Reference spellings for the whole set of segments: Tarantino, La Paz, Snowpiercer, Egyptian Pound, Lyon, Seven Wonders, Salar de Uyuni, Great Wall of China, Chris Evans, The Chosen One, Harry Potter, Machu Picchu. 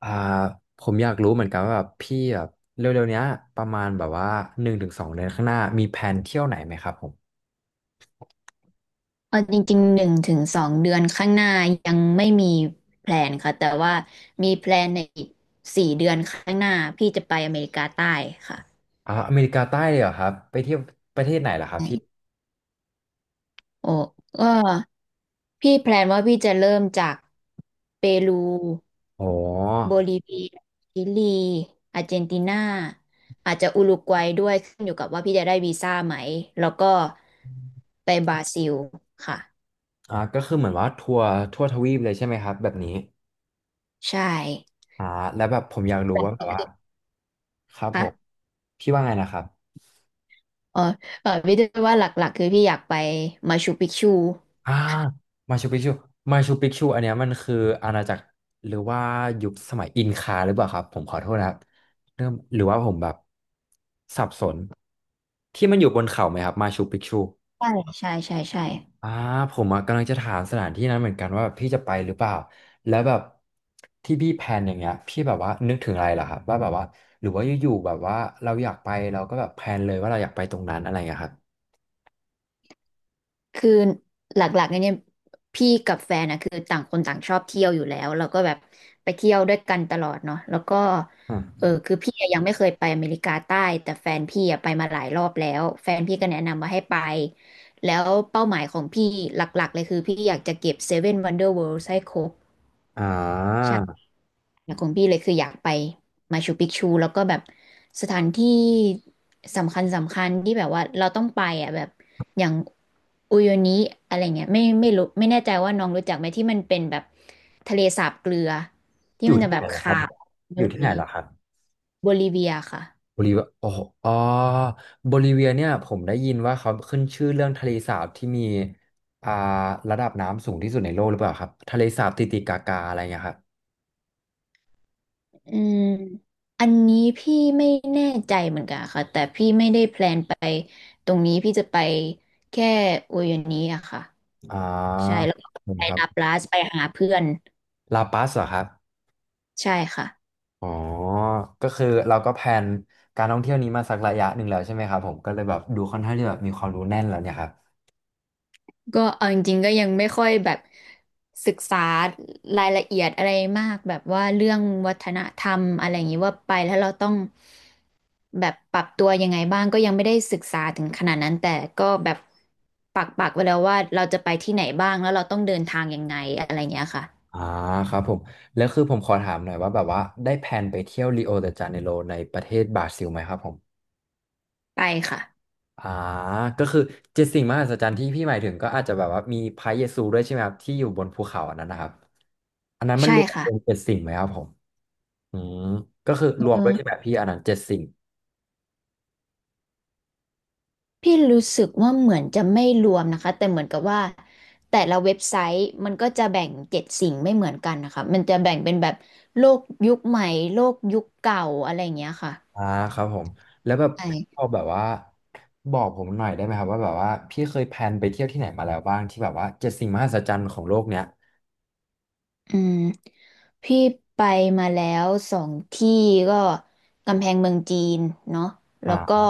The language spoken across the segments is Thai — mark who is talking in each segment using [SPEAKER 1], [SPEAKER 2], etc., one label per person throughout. [SPEAKER 1] อ่าผมอยากรู้เหมือนกันว่าแบบพี่แบบเร็วๆเนี้ยประมาณแบบว่า1-2 เดือนข้างหน้ามีแผนเที่ยวไหนไหมครับผม
[SPEAKER 2] เออจริงๆ1 ถึง 2 เดือนข้างหน้ายังไม่มีแพลนค่ะแต่ว่ามีแพลนในอีก4 เดือนข้างหน้าพี่จะไปอเมริกาใต้ค่ะ
[SPEAKER 1] อเมริกาใต้เลยเหรอครับไปเที่ยวประเทศไหนเหรอครับ
[SPEAKER 2] ใช่
[SPEAKER 1] พี่
[SPEAKER 2] โอ้ก็พี่แพลนว่าพี่จะเริ่มจากเปรู
[SPEAKER 1] อ๋อ
[SPEAKER 2] โบลิเวียชิลีอาร์เจนตินาอาจจะอุรุกวัยด้วยขึ้นอยู่กับว่าพี่จะได้วีซ่าไหมแล้วก็ไปบราซิลค่ะ
[SPEAKER 1] ก็คือเหมือนว่าทัวร์ทั่วทวีปเลยใช่ไหมครับแบบนี้
[SPEAKER 2] ใช่
[SPEAKER 1] อ่าแล้วแบบผมอยากรู้
[SPEAKER 2] แบบ
[SPEAKER 1] ว่าแบ
[SPEAKER 2] นี้
[SPEAKER 1] บว่า
[SPEAKER 2] คือ
[SPEAKER 1] ครับผม
[SPEAKER 2] ค่ะ
[SPEAKER 1] พี่ว่าไงนะครับ
[SPEAKER 2] เออเออพี่ด้วยว่าหลักๆคือพี่อยากไปมาชูปิกชู
[SPEAKER 1] อ่ามาชูปิกชูมาชูปิกชูอันเนี้ยมันคืออาณาจักรหรือว่ายุคสมัยอินคาหรือเปล่าครับผมขอโทษนะครับเริ่มหรือว่าผมแบบสับสนที่มันอยู่บนเขาไหมครับมาชูปิกชู
[SPEAKER 2] ใช่ใช่ใช่ใช่
[SPEAKER 1] อ่าผมอะกำลังจะถามสถานที่นั้นเหมือนกันว่าแบบพี่จะไปหรือเปล่าแล้วแบบที่พี่แพลนอย่างเงี้ยพี่แบบว่านึกถึงอะไรเหรอครับว่าแบบว่าหรือว่าอยู่ๆแบบว่าเราอยากไปเราก็แบบแพลนเลยว่าเราอยากไปตรงนั้นอะไรอย่างเงี้ยครับ
[SPEAKER 2] คือหลักๆเนี่ยพี่กับแฟนนะคือต่างคนต่างชอบเที่ยวอยู่แล้วแล้วก็แบบไปเที่ยวด้วยกันตลอดเนาะแล้วก็
[SPEAKER 1] อ
[SPEAKER 2] เออ
[SPEAKER 1] ม
[SPEAKER 2] คือพี่อะยังไม่เคยไปอเมริกาใต้แต่แฟนพี่อะไปมาหลายรอบแล้วแฟนพี่ก็แนะนำมาให้ไปแล้วเป้าหมายของพี่หลักๆเลยคือพี่อยากจะเก็บเซเว่นวันเดอร์เวิลด์ให้คร
[SPEAKER 1] อ่า
[SPEAKER 2] บ อยากของพี่เลยคืออยากไปมาชูปิกชูแล้วก็แบบสถานที่สำคัญสำคัญที่แบบว่าเราต้องไปอ่ะแบบอย่างอุโยนิอะไรเงี้ยไม่รู้ไม่แน่ใจว่าน้องรู้จักไหมที่มันเป็นแบบทะเลสาบเกลือที่
[SPEAKER 1] อยู่
[SPEAKER 2] มันจะ
[SPEAKER 1] ที่
[SPEAKER 2] แบ
[SPEAKER 1] ไหน
[SPEAKER 2] บ
[SPEAKER 1] เหรอครั
[SPEAKER 2] ขา
[SPEAKER 1] บ
[SPEAKER 2] วไปห
[SPEAKER 1] อ
[SPEAKER 2] ม
[SPEAKER 1] ยู่
[SPEAKER 2] ด
[SPEAKER 1] ที่
[SPEAKER 2] เล
[SPEAKER 1] ไหน
[SPEAKER 2] ย
[SPEAKER 1] เหรอครับ
[SPEAKER 2] โบลิเวียค่ะ
[SPEAKER 1] โบลิเวียโอ้โหอ๋อโบลิเวียเนี่ยผมได้ยินว่าเขาขึ้นชื่อเรื่องทะเลสาบที่มีอ่าระดับน้ำสูงที่สุดในโลกหรือเปล่าครับทะเลสาบติติกากาอะไรเงี้ยครับ
[SPEAKER 2] อืมอันนี้พี่ไม่แน่ใจเหมือนกันค่ะแต่พี่ไม่ได้แพลนไปตรงนี้พี่จะไปแค่อุโยนิอะค่ะ
[SPEAKER 1] อ่า
[SPEAKER 2] ใช่แล้วก็ไป
[SPEAKER 1] นี่ครั
[SPEAKER 2] ลาป
[SPEAKER 1] บ
[SPEAKER 2] ลาสไปหาเพื่อน
[SPEAKER 1] ลาปัสเหรอครับ
[SPEAKER 2] ใช่ค่ะ
[SPEAKER 1] อ๋อก็คือเราก็แพลนการท่องเที่ยวนี้มาสักระยะหนึ่งแล้วใช่ไหมครับผมก็เลยแบบดูค่อนข้างที่แบบมีความรู้แน่นแล้วเนี่ยครับ
[SPEAKER 2] ก็เอาจริงๆก็ยังไม่ค่อยแบบศึกษารายละเอียดอะไรมากแบบว่าเรื่องวัฒนธรรมอะไรอย่างนี้ว่าไปแล้วเราต้องแบบปรับตัวยังไงบ้างก็ยังไม่ได้ศึกษาถึงขนาดนั้นแต่ก็แบบปักปักไว้แล้วว่าเราจะไปที่ไหนบ้างแล้วเราต้องเดินทางยังไงอะไรอย่างเงี้ยค่ะ
[SPEAKER 1] อ่าครับผมแล้วคือผมขอถามหน่อยว่าแบบว่าได้แพลนไปเที่ยวริโอเดจาเนโรในประเทศบราซิลไหมครับผม
[SPEAKER 2] ไปค่ะ
[SPEAKER 1] อ่าก็คือเจ็ดสิ่งมหัศจรรย์ที่พี่หมายถึงก็อาจจะแบบว่ามีพระเยซูด้วยใช่ไหมครับที่อยู่บนภูเขาอันนั้นนะครับอันนั้นมันร
[SPEAKER 2] ใช่
[SPEAKER 1] วม
[SPEAKER 2] ค่ะ
[SPEAKER 1] เป็นเจ็ดสิ่งไหมครับผมอืมก็คือรวมด้วยใช่
[SPEAKER 2] เอ
[SPEAKER 1] ไหม
[SPEAKER 2] อ
[SPEAKER 1] พี่อันนั้นเจ็ดสิ่ง
[SPEAKER 2] พี่รู้สึกว่าเหมือนจะไม่รวมนะคะแต่เหมือนกับว่าแต่ละเว็บไซต์มันก็จะแบ่งเจ็ดสิ่งไม่เหมือนกันนะคะมันจะแบ่งเป็นแบบโลกยุคใหม่โลกยุคเก่าอะไรอย่างเงี้ยค่ะ
[SPEAKER 1] อ่าครับผมแล้วแบบ
[SPEAKER 2] ใช่
[SPEAKER 1] พี่พอแบบว่าบอกผมหน่อยได้ไหมครับว่าแบบว่าพี่เคยแพลนไปเที่ยวที่ไหนมาแล้วบ้างที่แบบว่าเจ็ดสิ่งมหัศจรรย์ของโลกเนี้ย
[SPEAKER 2] อืมพี่ไปมาแล้ว2 ที่ก็กำแพงเมืองจีนเนาะแล้วก็
[SPEAKER 1] อ่า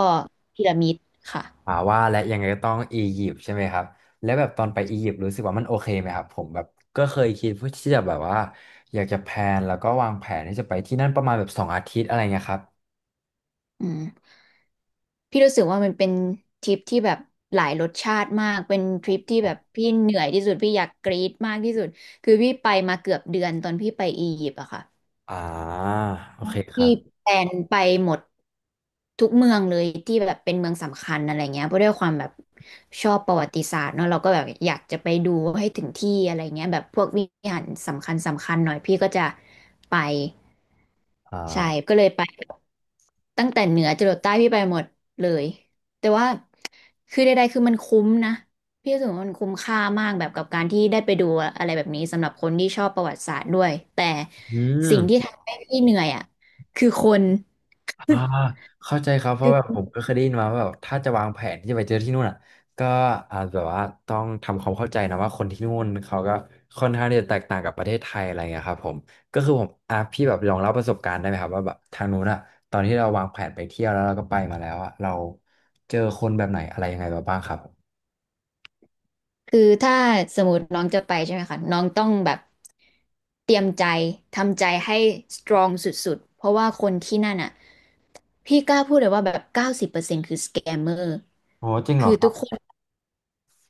[SPEAKER 2] พีระมิดค่ะ
[SPEAKER 1] ว่าและยังไงก็ต้องอียิปต์ใช่ไหมครับแล้วแบบตอนไปอียิปต์รู้สึกว่ามันโอเคไหมครับผมแบบก็เคยคิดเพื่อที่จะแบบว่าอยากจะแพลนแล้วก็วางแผนที่จะไปที่นั่นประมาณแบบ2 อาทิตย์อะไรเงี้ยครับ
[SPEAKER 2] อืม พี่รู้สึกว่ามันเป็นทริปที่แบบหลายรสชาติมากเป็นทริปที่แบบพี่เหนื่อยที่สุดพี่อยากกรี๊ดมากที่สุดคือพี่ไปมาเกือบเดือนตอนพี่ไปอียิปต์อะค่ะ
[SPEAKER 1] อ่าโอเคครั
[SPEAKER 2] พี่
[SPEAKER 1] บ
[SPEAKER 2] แพลนไปหมดทุกเมืองเลยที่แบบเป็นเมืองสำคัญอะไรเงี้ยเพราะด้วยความแบบชอบประวัติศาสตร์เนาะเราก็แบบอยากจะไปดูให้ถึงที่อะไรเงี้ยแบบพวกวิหารสำคัญสำคัญหน่อยพี่ก็จะไป
[SPEAKER 1] อ่
[SPEAKER 2] ใช่
[SPEAKER 1] า
[SPEAKER 2] ก็เลยไป ตั้งแต่เหนือจรดใต้พี่ไปหมดเลยแต่ว่าคือใดๆคือมันคุ้มนะพี่รู้สึกว่ามันคุ้มค่ามากแบบกับการที่ได้ไปดูอะไรแบบนี้สำหรับคนที่ชอบประวัติศาสตร์ด้วยแต่
[SPEAKER 1] อืม
[SPEAKER 2] สิ่งที่ทำให้พี่เหนื่อยอ่ะคือคน
[SPEAKER 1] อ่า เข้าใจครับเพ
[SPEAKER 2] คื
[SPEAKER 1] ราะแบบผ
[SPEAKER 2] อ
[SPEAKER 1] มก็เคยได้ยินมาว่าแบบถ้าจะวางแผนที่จะไปเจอที่นู่นอ่ะก็อาจแบบว่าต้องทำความเข้าใจนะว่าคนที่นู่นเขาก็ค่อนข้างที่จะแตกต่างกับประเทศไทยอะไรเงี้ยครับผมก็คือผมอ่ะพี่แบบลองเล่าประสบการณ์ได้ไหมครับว่าแบบทางนู้นอ่ะตอนที่เราวางแผนไปเที่ยวแล้วเราก็ไปมาแล้วอ่ะเราเจอคนแบบไหนอะไรยังไงมาบ้างครับ
[SPEAKER 2] คือถ้าสมมติน้องจะไปใช่ไหมคะน้องต้องแบบเตรียมใจทำใจให้สตรองสุดๆเพราะว่าคนที่นั่นอ่ะพี่กล้าพูดเลยว่าแบบ90%คือสแกมเมอร์
[SPEAKER 1] โอ้จริงเหร
[SPEAKER 2] คื
[SPEAKER 1] อ
[SPEAKER 2] อ
[SPEAKER 1] ค
[SPEAKER 2] ทุ
[SPEAKER 1] รั
[SPEAKER 2] กค
[SPEAKER 1] บ
[SPEAKER 2] น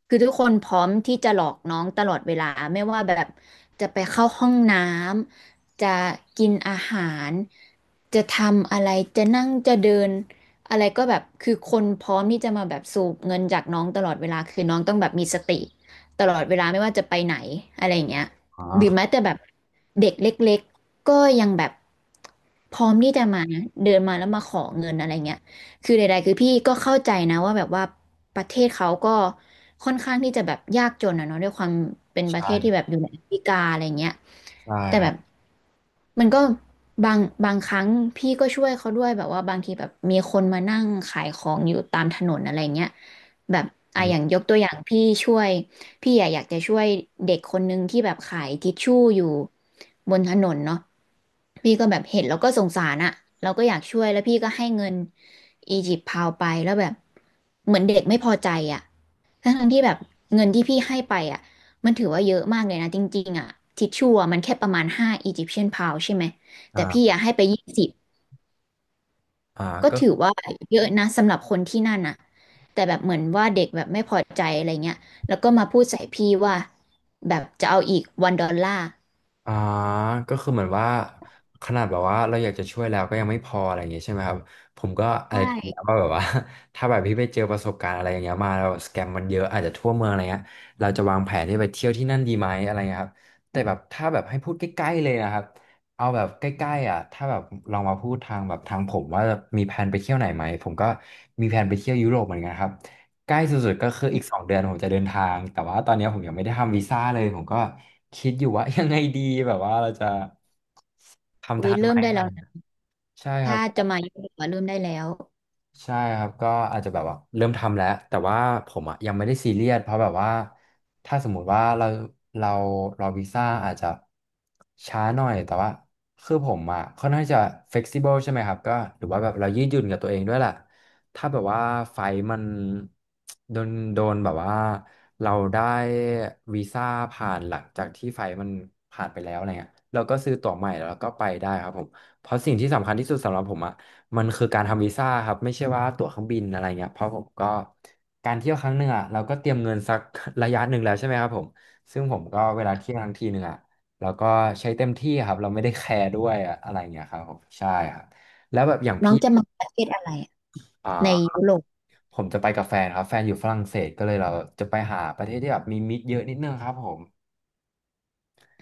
[SPEAKER 2] คือทุกคนพร้อมที่จะหลอกน้องตลอดเวลาไม่ว่าแบบจะไปเข้าห้องน้ำจะกินอาหารจะทำอะไรจะนั่งจะเดินอะไรก็แบบคือคนพร้อมที่จะมาแบบสูบเงินจากน้องตลอดเวลาคือน้องต้องแบบมีสติตลอดเวลาไม่ว่าจะไปไหนอะไรอย่างเงี้ย
[SPEAKER 1] อ๋
[SPEAKER 2] หรือแม้
[SPEAKER 1] อ
[SPEAKER 2] แต่แบบเด็กเล็กๆก็ยังแบบพร้อมที่จะมาเดินมาแล้วมาขอเงินอะไรเงี้ย คือใดๆคือพี่ก็เข้าใจนะว่าแบบว่าประเทศเขาก็ค่อนข้างที่จะแบบยากจนอะเนาะด้วยความเป็นประ
[SPEAKER 1] ใช่
[SPEAKER 2] เทศ
[SPEAKER 1] ค
[SPEAKER 2] ที่
[SPEAKER 1] รับ
[SPEAKER 2] แบบอยู่ในแอฟริกาอะไรเงี้ย
[SPEAKER 1] ใช่
[SPEAKER 2] แต่
[SPEAKER 1] ค
[SPEAKER 2] แบ
[SPEAKER 1] รับ
[SPEAKER 2] บมันก็บางบางครั้งพี่ก็ช่วยเขาด้วยแบบว่าบางทีแบบมีคนมานั่งขายของอยู่ตามถนนอะไรเงี้ย แบบอ่ะอย่าง
[SPEAKER 1] อ
[SPEAKER 2] ยกตัวอย่างพี่ช่วยพี่อะอยากจะช่วยเด็กคนนึงที่แบบขายทิชชู่อยู่บนถนนเนาะพี่ก็แบบเห็นแล้วก็สงสารอะเราก็อยากช่วยแล้วพี่ก็ให้เงินอียิปต์พาวไปแล้วแบบเหมือนเด็กไม่พอใจอะทั้งๆที่แบบเงินที่พี่ให้ไปอะมันถือว่าเยอะมากเลยนะจริงๆอะทิชชู่อะมันแค่ประมาณ5 อียิปเชียนพาวใช่ไหม
[SPEAKER 1] อ่
[SPEAKER 2] แต่พี่
[SPEAKER 1] า
[SPEAKER 2] อยากให้ไป20
[SPEAKER 1] อ่า
[SPEAKER 2] ก็
[SPEAKER 1] ก็
[SPEAKER 2] ถือว่าเยอะนะสำหรับคนที่นั่นน่ะแต่แบบเหมือนว่าเด็กแบบไม่พอใจอะไรเงี้ยแล้วก็มาพูดใส่พี่ว่าแบบจะเอาอีกวันดอลลาร์
[SPEAKER 1] อ่าก็คือเหมือนว่าขนาดแบบว่าเราอยากจะช่วยแล้วก็ยังไม่พออะไรอย่างเงี้ยใช่ไหมครับผมก็อะไรคิดแล้
[SPEAKER 2] ใช่
[SPEAKER 1] วว่าแบบว่า ถ้าแบบพี่ไปเจอประสบการณ์อะไรอย่างเงี้ยมาแล้วสแกมมันเยอะอาจจะทั่วเมืองอะไรเงี้ยเราจะวางแผนที่ไปเที่ยวที่นั่นดีไหมอะไรเงี้ยครับแต่แบบถ้าแบบให้พูดใกล้ๆเลยนะครับเอาแบบใกล้ๆอ่ะถ้าแบบลองมาพูดทางแบบทางผมว่ามีแผนไปเที่ยวไหนไหมผมก็มีแผนไปเที่ยวยุโรปเหมือนกันครับ ใกล้สุดๆก็คืออีกสองเดือนผมจะเดินทางแต่ว่าตอนนี้ผมยังไม่ได้ทำวีซ่าเลยผมก็คิดอยู่ว่า ยังไงดีแบบว่าเราจะ
[SPEAKER 2] อุ้
[SPEAKER 1] ทำ
[SPEAKER 2] ย
[SPEAKER 1] ทันไห
[SPEAKER 2] เริ่
[SPEAKER 1] ม
[SPEAKER 2] มได้
[SPEAKER 1] อะไร
[SPEAKER 2] แล้
[SPEAKER 1] อ
[SPEAKER 2] ว
[SPEAKER 1] ย่างเงี้ย
[SPEAKER 2] นะ
[SPEAKER 1] ใช่ครั
[SPEAKER 2] ถ้า
[SPEAKER 1] บ
[SPEAKER 2] จะมายุโรปอะเริ่มได้แล้ว
[SPEAKER 1] ใช่ครับก็อาจจะแบบว่าเริ่มทำแล้วแต่ว่าผมอ่ะยังไม่ได้ซีเรียสเพราะแบบว่าถ้าสมมุติว่าเรารอวีซ่าอาจจะช้าหน่อยแต่ว่าคือผมอ่ะค่อนข้างจะ flexible ใช่ไหมครับก็หรือว่าแบบเรายืดหยุ่นกับตัวเองด้วยแหละถ้าแบบว่าไฟล์มันโดนแบบว่าเราได้วีซ่าผ่านหลังจากที่ไฟล์มันผ่านไปแล้วอะไรเงี้ยเราก็ซื้อตั๋วใหม่แล้วก็ไปได้ครับผมเพราะสิ่งที่สำคัญที่สุดสำหรับผมอะ มันคือการทำวีซ่าครับไม่ใช่ว่าตั๋วเครื่องบินอะไรเงี้ยเพราะผมก็การเที่ยวครั้งหนึ่งอ่ะเราก็เตรียมเงินสักระยะหนึ่งแล้วใช่ไหมครับผมซึ่งผมก็เวลาเที่ยวครั้งทีหนึ่งอ่ะเราก็ใช้เต็มที่ครับเราไม่ได้แคร์ด้วยอะอะไรเงี้ยครับผมใช่ครับแล้วแบบอย่าง
[SPEAKER 2] น้อ
[SPEAKER 1] พี่
[SPEAKER 2] งจะมาประเทศอะไรอะ
[SPEAKER 1] อ่
[SPEAKER 2] ใน
[SPEAKER 1] า
[SPEAKER 2] ยุโรป
[SPEAKER 1] ผมจะไปกับแฟนครับแฟนอยู่ฝรั่งเศสก็เลยเราจะไปหาประเทศที่แบบมีมิตรเยอะนิดนึงครับผม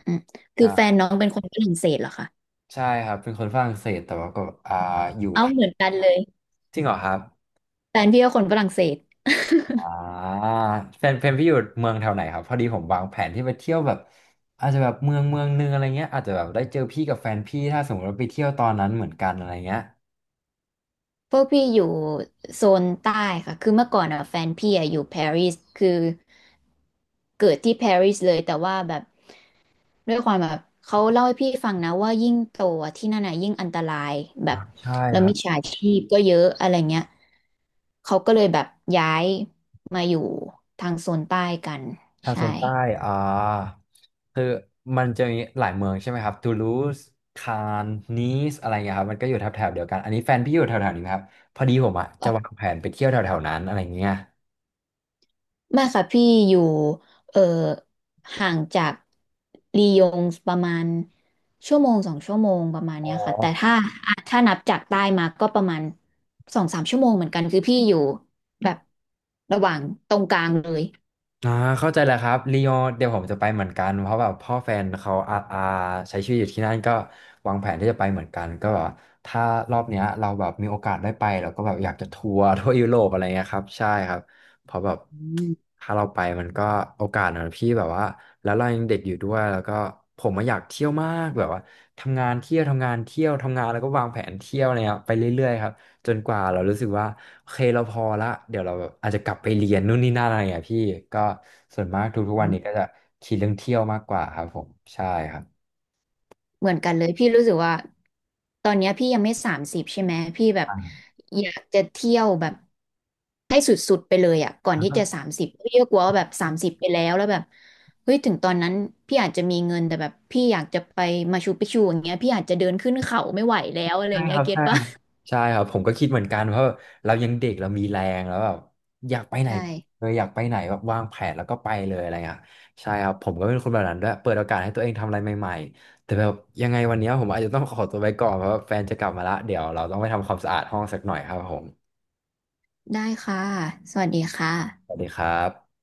[SPEAKER 2] อืมคือแฟน
[SPEAKER 1] ใช่
[SPEAKER 2] น้องเป็นคนฝรั่งเศสเหรอคะ
[SPEAKER 1] ใช่ครับเป็นคนฝรั่งเศสแต่ว่าก็อ่าอยู่
[SPEAKER 2] เอา
[SPEAKER 1] ไทย
[SPEAKER 2] เหมือนกันเลย
[SPEAKER 1] จริงเหรอครับ
[SPEAKER 2] แฟนพี่ก็คนฝรั่งเศส
[SPEAKER 1] อ่าแฟนเพนพี่อยู่เมืองแถวไหนครับพอดีผมวางแผนที่ไปเที่ยวแบบอาจจะแบบเมืองนึงอะไรเงี้ยอาจจะแบบได้เจอพี่กับแฟนพี่ถ้าสมมติว่าไปเที่ยวตอนนั้นเหมือนกันอะไรเงี้ย
[SPEAKER 2] พวกพี่อยู่โซนใต้ค่ะคือเมื่อก่อนอ่ะแฟนพี่อะอยู่ปารีสคือ เกิดที่ปารีสเลยแต่ว่าแบบด้วยความแบบเขาเล่าให้พี่ฟังนะว่ายิ่งโตอะที่นั่นน่ะยิ่งอันตรายแบ
[SPEAKER 1] อ่า
[SPEAKER 2] บ
[SPEAKER 1] ใช่
[SPEAKER 2] แล้ว
[SPEAKER 1] ครั
[SPEAKER 2] มิ
[SPEAKER 1] บ
[SPEAKER 2] จฉาชีพก็เยอะอะไรเงี้ยเขาก็เลยแบบย้ายมาอยู่ทางโซนใต้กัน
[SPEAKER 1] ทางโซ
[SPEAKER 2] ใช่
[SPEAKER 1] นใต้อ่าคือมันจะมีหลายเมืองใช่ไหมครับตูลูสคานนีสอะไรเงี้ยครับมันก็อยู่แถบๆเดียวกันอันนี้แฟนพี่อยู่แถวๆนี้ไหมครับพอดีผมอ่ะจะวางแผนไปเที่ยวแถวๆนั้นอะไรเงี้ย
[SPEAKER 2] ไม่ค่ะพี่อยู่เอ่อห่างจากลียงประมาณชั่วโมง2 ชั่วโมงประมาณ
[SPEAKER 1] อ๋อ
[SPEAKER 2] เนี้ยค่ะแต่ถ้าอ่ะถ้านับจากใต้มาก็ประมาณ2-3 ชั่วโมงเหมือนกันคือพี่อยู่แบบระหว่างตรงกลางเลย
[SPEAKER 1] อ่าเข้าใจแหล้วครับลียงเดี๋ยวผมจะไปเหมือนกันเพราะแบบพ่อแฟนเขาอาอาใช้ชีวิตอยู่ที่นั่นก็วางแผนที่จะไปเหมือนกันก็แบบว่าถ้ารอบเนี้ยเราแบบมีโอกาสได้ไปเราก็แบบอยากจะทัวร์ทั่วยุโรปอะไรเงี้ยครับใช่ครับเพราะแบบ
[SPEAKER 2] อื
[SPEAKER 1] ถ้าเราไปมันก็โอกาสนะพี่แบบว่าแล้วเรายังเด็กอยู่ด้วยแล้วก็ผมมาอยากเที่ยวมากแบบว่าทำงานเที่ยวทำงานเที่ยวทำงานแล้วก็วางแผนเที่ยวอะไรเงี้ยไปเรื่อยๆครับ จนกว่าเรารู้สึกว่าโอเคเราพอละเดี๋ยวเราแบบอาจจะกลับไปเรียนนู่นนี่นั่นอะไรอย่างเงี้ยพี่ก็ส่วนมากทุกๆวันนี้ก็
[SPEAKER 2] ม
[SPEAKER 1] จะคิดเรื่องเที่ยวมากกว่าครับผมใช่ครับ
[SPEAKER 2] เหมือนกันเลยพี่รู้สึกว่าตอนเนี้ยพี่ยังไม่สามสิบใช่ไหมพี่แบบ
[SPEAKER 1] อ่า
[SPEAKER 2] อยากจะเที่ยวแบบให้สุดๆไปเลยอ่ะก่อน
[SPEAKER 1] แล้ว
[SPEAKER 2] ที่
[SPEAKER 1] ก็
[SPEAKER 2] จะสามสิบพี่ก็กลัวว่าแบบสามสิบไปแล้วแล้วแบบเฮ้ยถึงตอนนั้นพี่อาจจะมีเงินแต่แบบพี่อยากจะไปมาชูปิกชูอย่างเงี้ยพี่อาจจะเดินขึ้นเขาไม่ไหวแล้วอะไรอ
[SPEAKER 1] ใช่
[SPEAKER 2] ย่างเงี้
[SPEAKER 1] ค
[SPEAKER 2] ย
[SPEAKER 1] รับ
[SPEAKER 2] เก็ต
[SPEAKER 1] ใช่ค
[SPEAKER 2] ปะ
[SPEAKER 1] รับใช่ครับผมก็คิดเหมือนกันเพราะแบบเรายังเด็กเรามีแรงแล้วแบบอยากไป ไหน
[SPEAKER 2] ใช่
[SPEAKER 1] เลยอยากไปไหนแบบวางแผนแล้วก็ไปเลยอะไรเงี้ยใช่ครับผมก็เป็นคนแบบนั้นด้วยเปิดโอกาสให้ตัวเองทำอะไรใหม่ๆแต่แบบยังไงวันเนี้ยผมอาจจะต้องขอตัวไปก่อนเพราะว่าแฟนจะกลับมาละเดี๋ยวเราต้องไปทำความสะอาดห้องสักหน่อยครับผม
[SPEAKER 2] ได้ค่ะสวัสดีค่
[SPEAKER 1] สวั
[SPEAKER 2] ะ
[SPEAKER 1] สดีครับ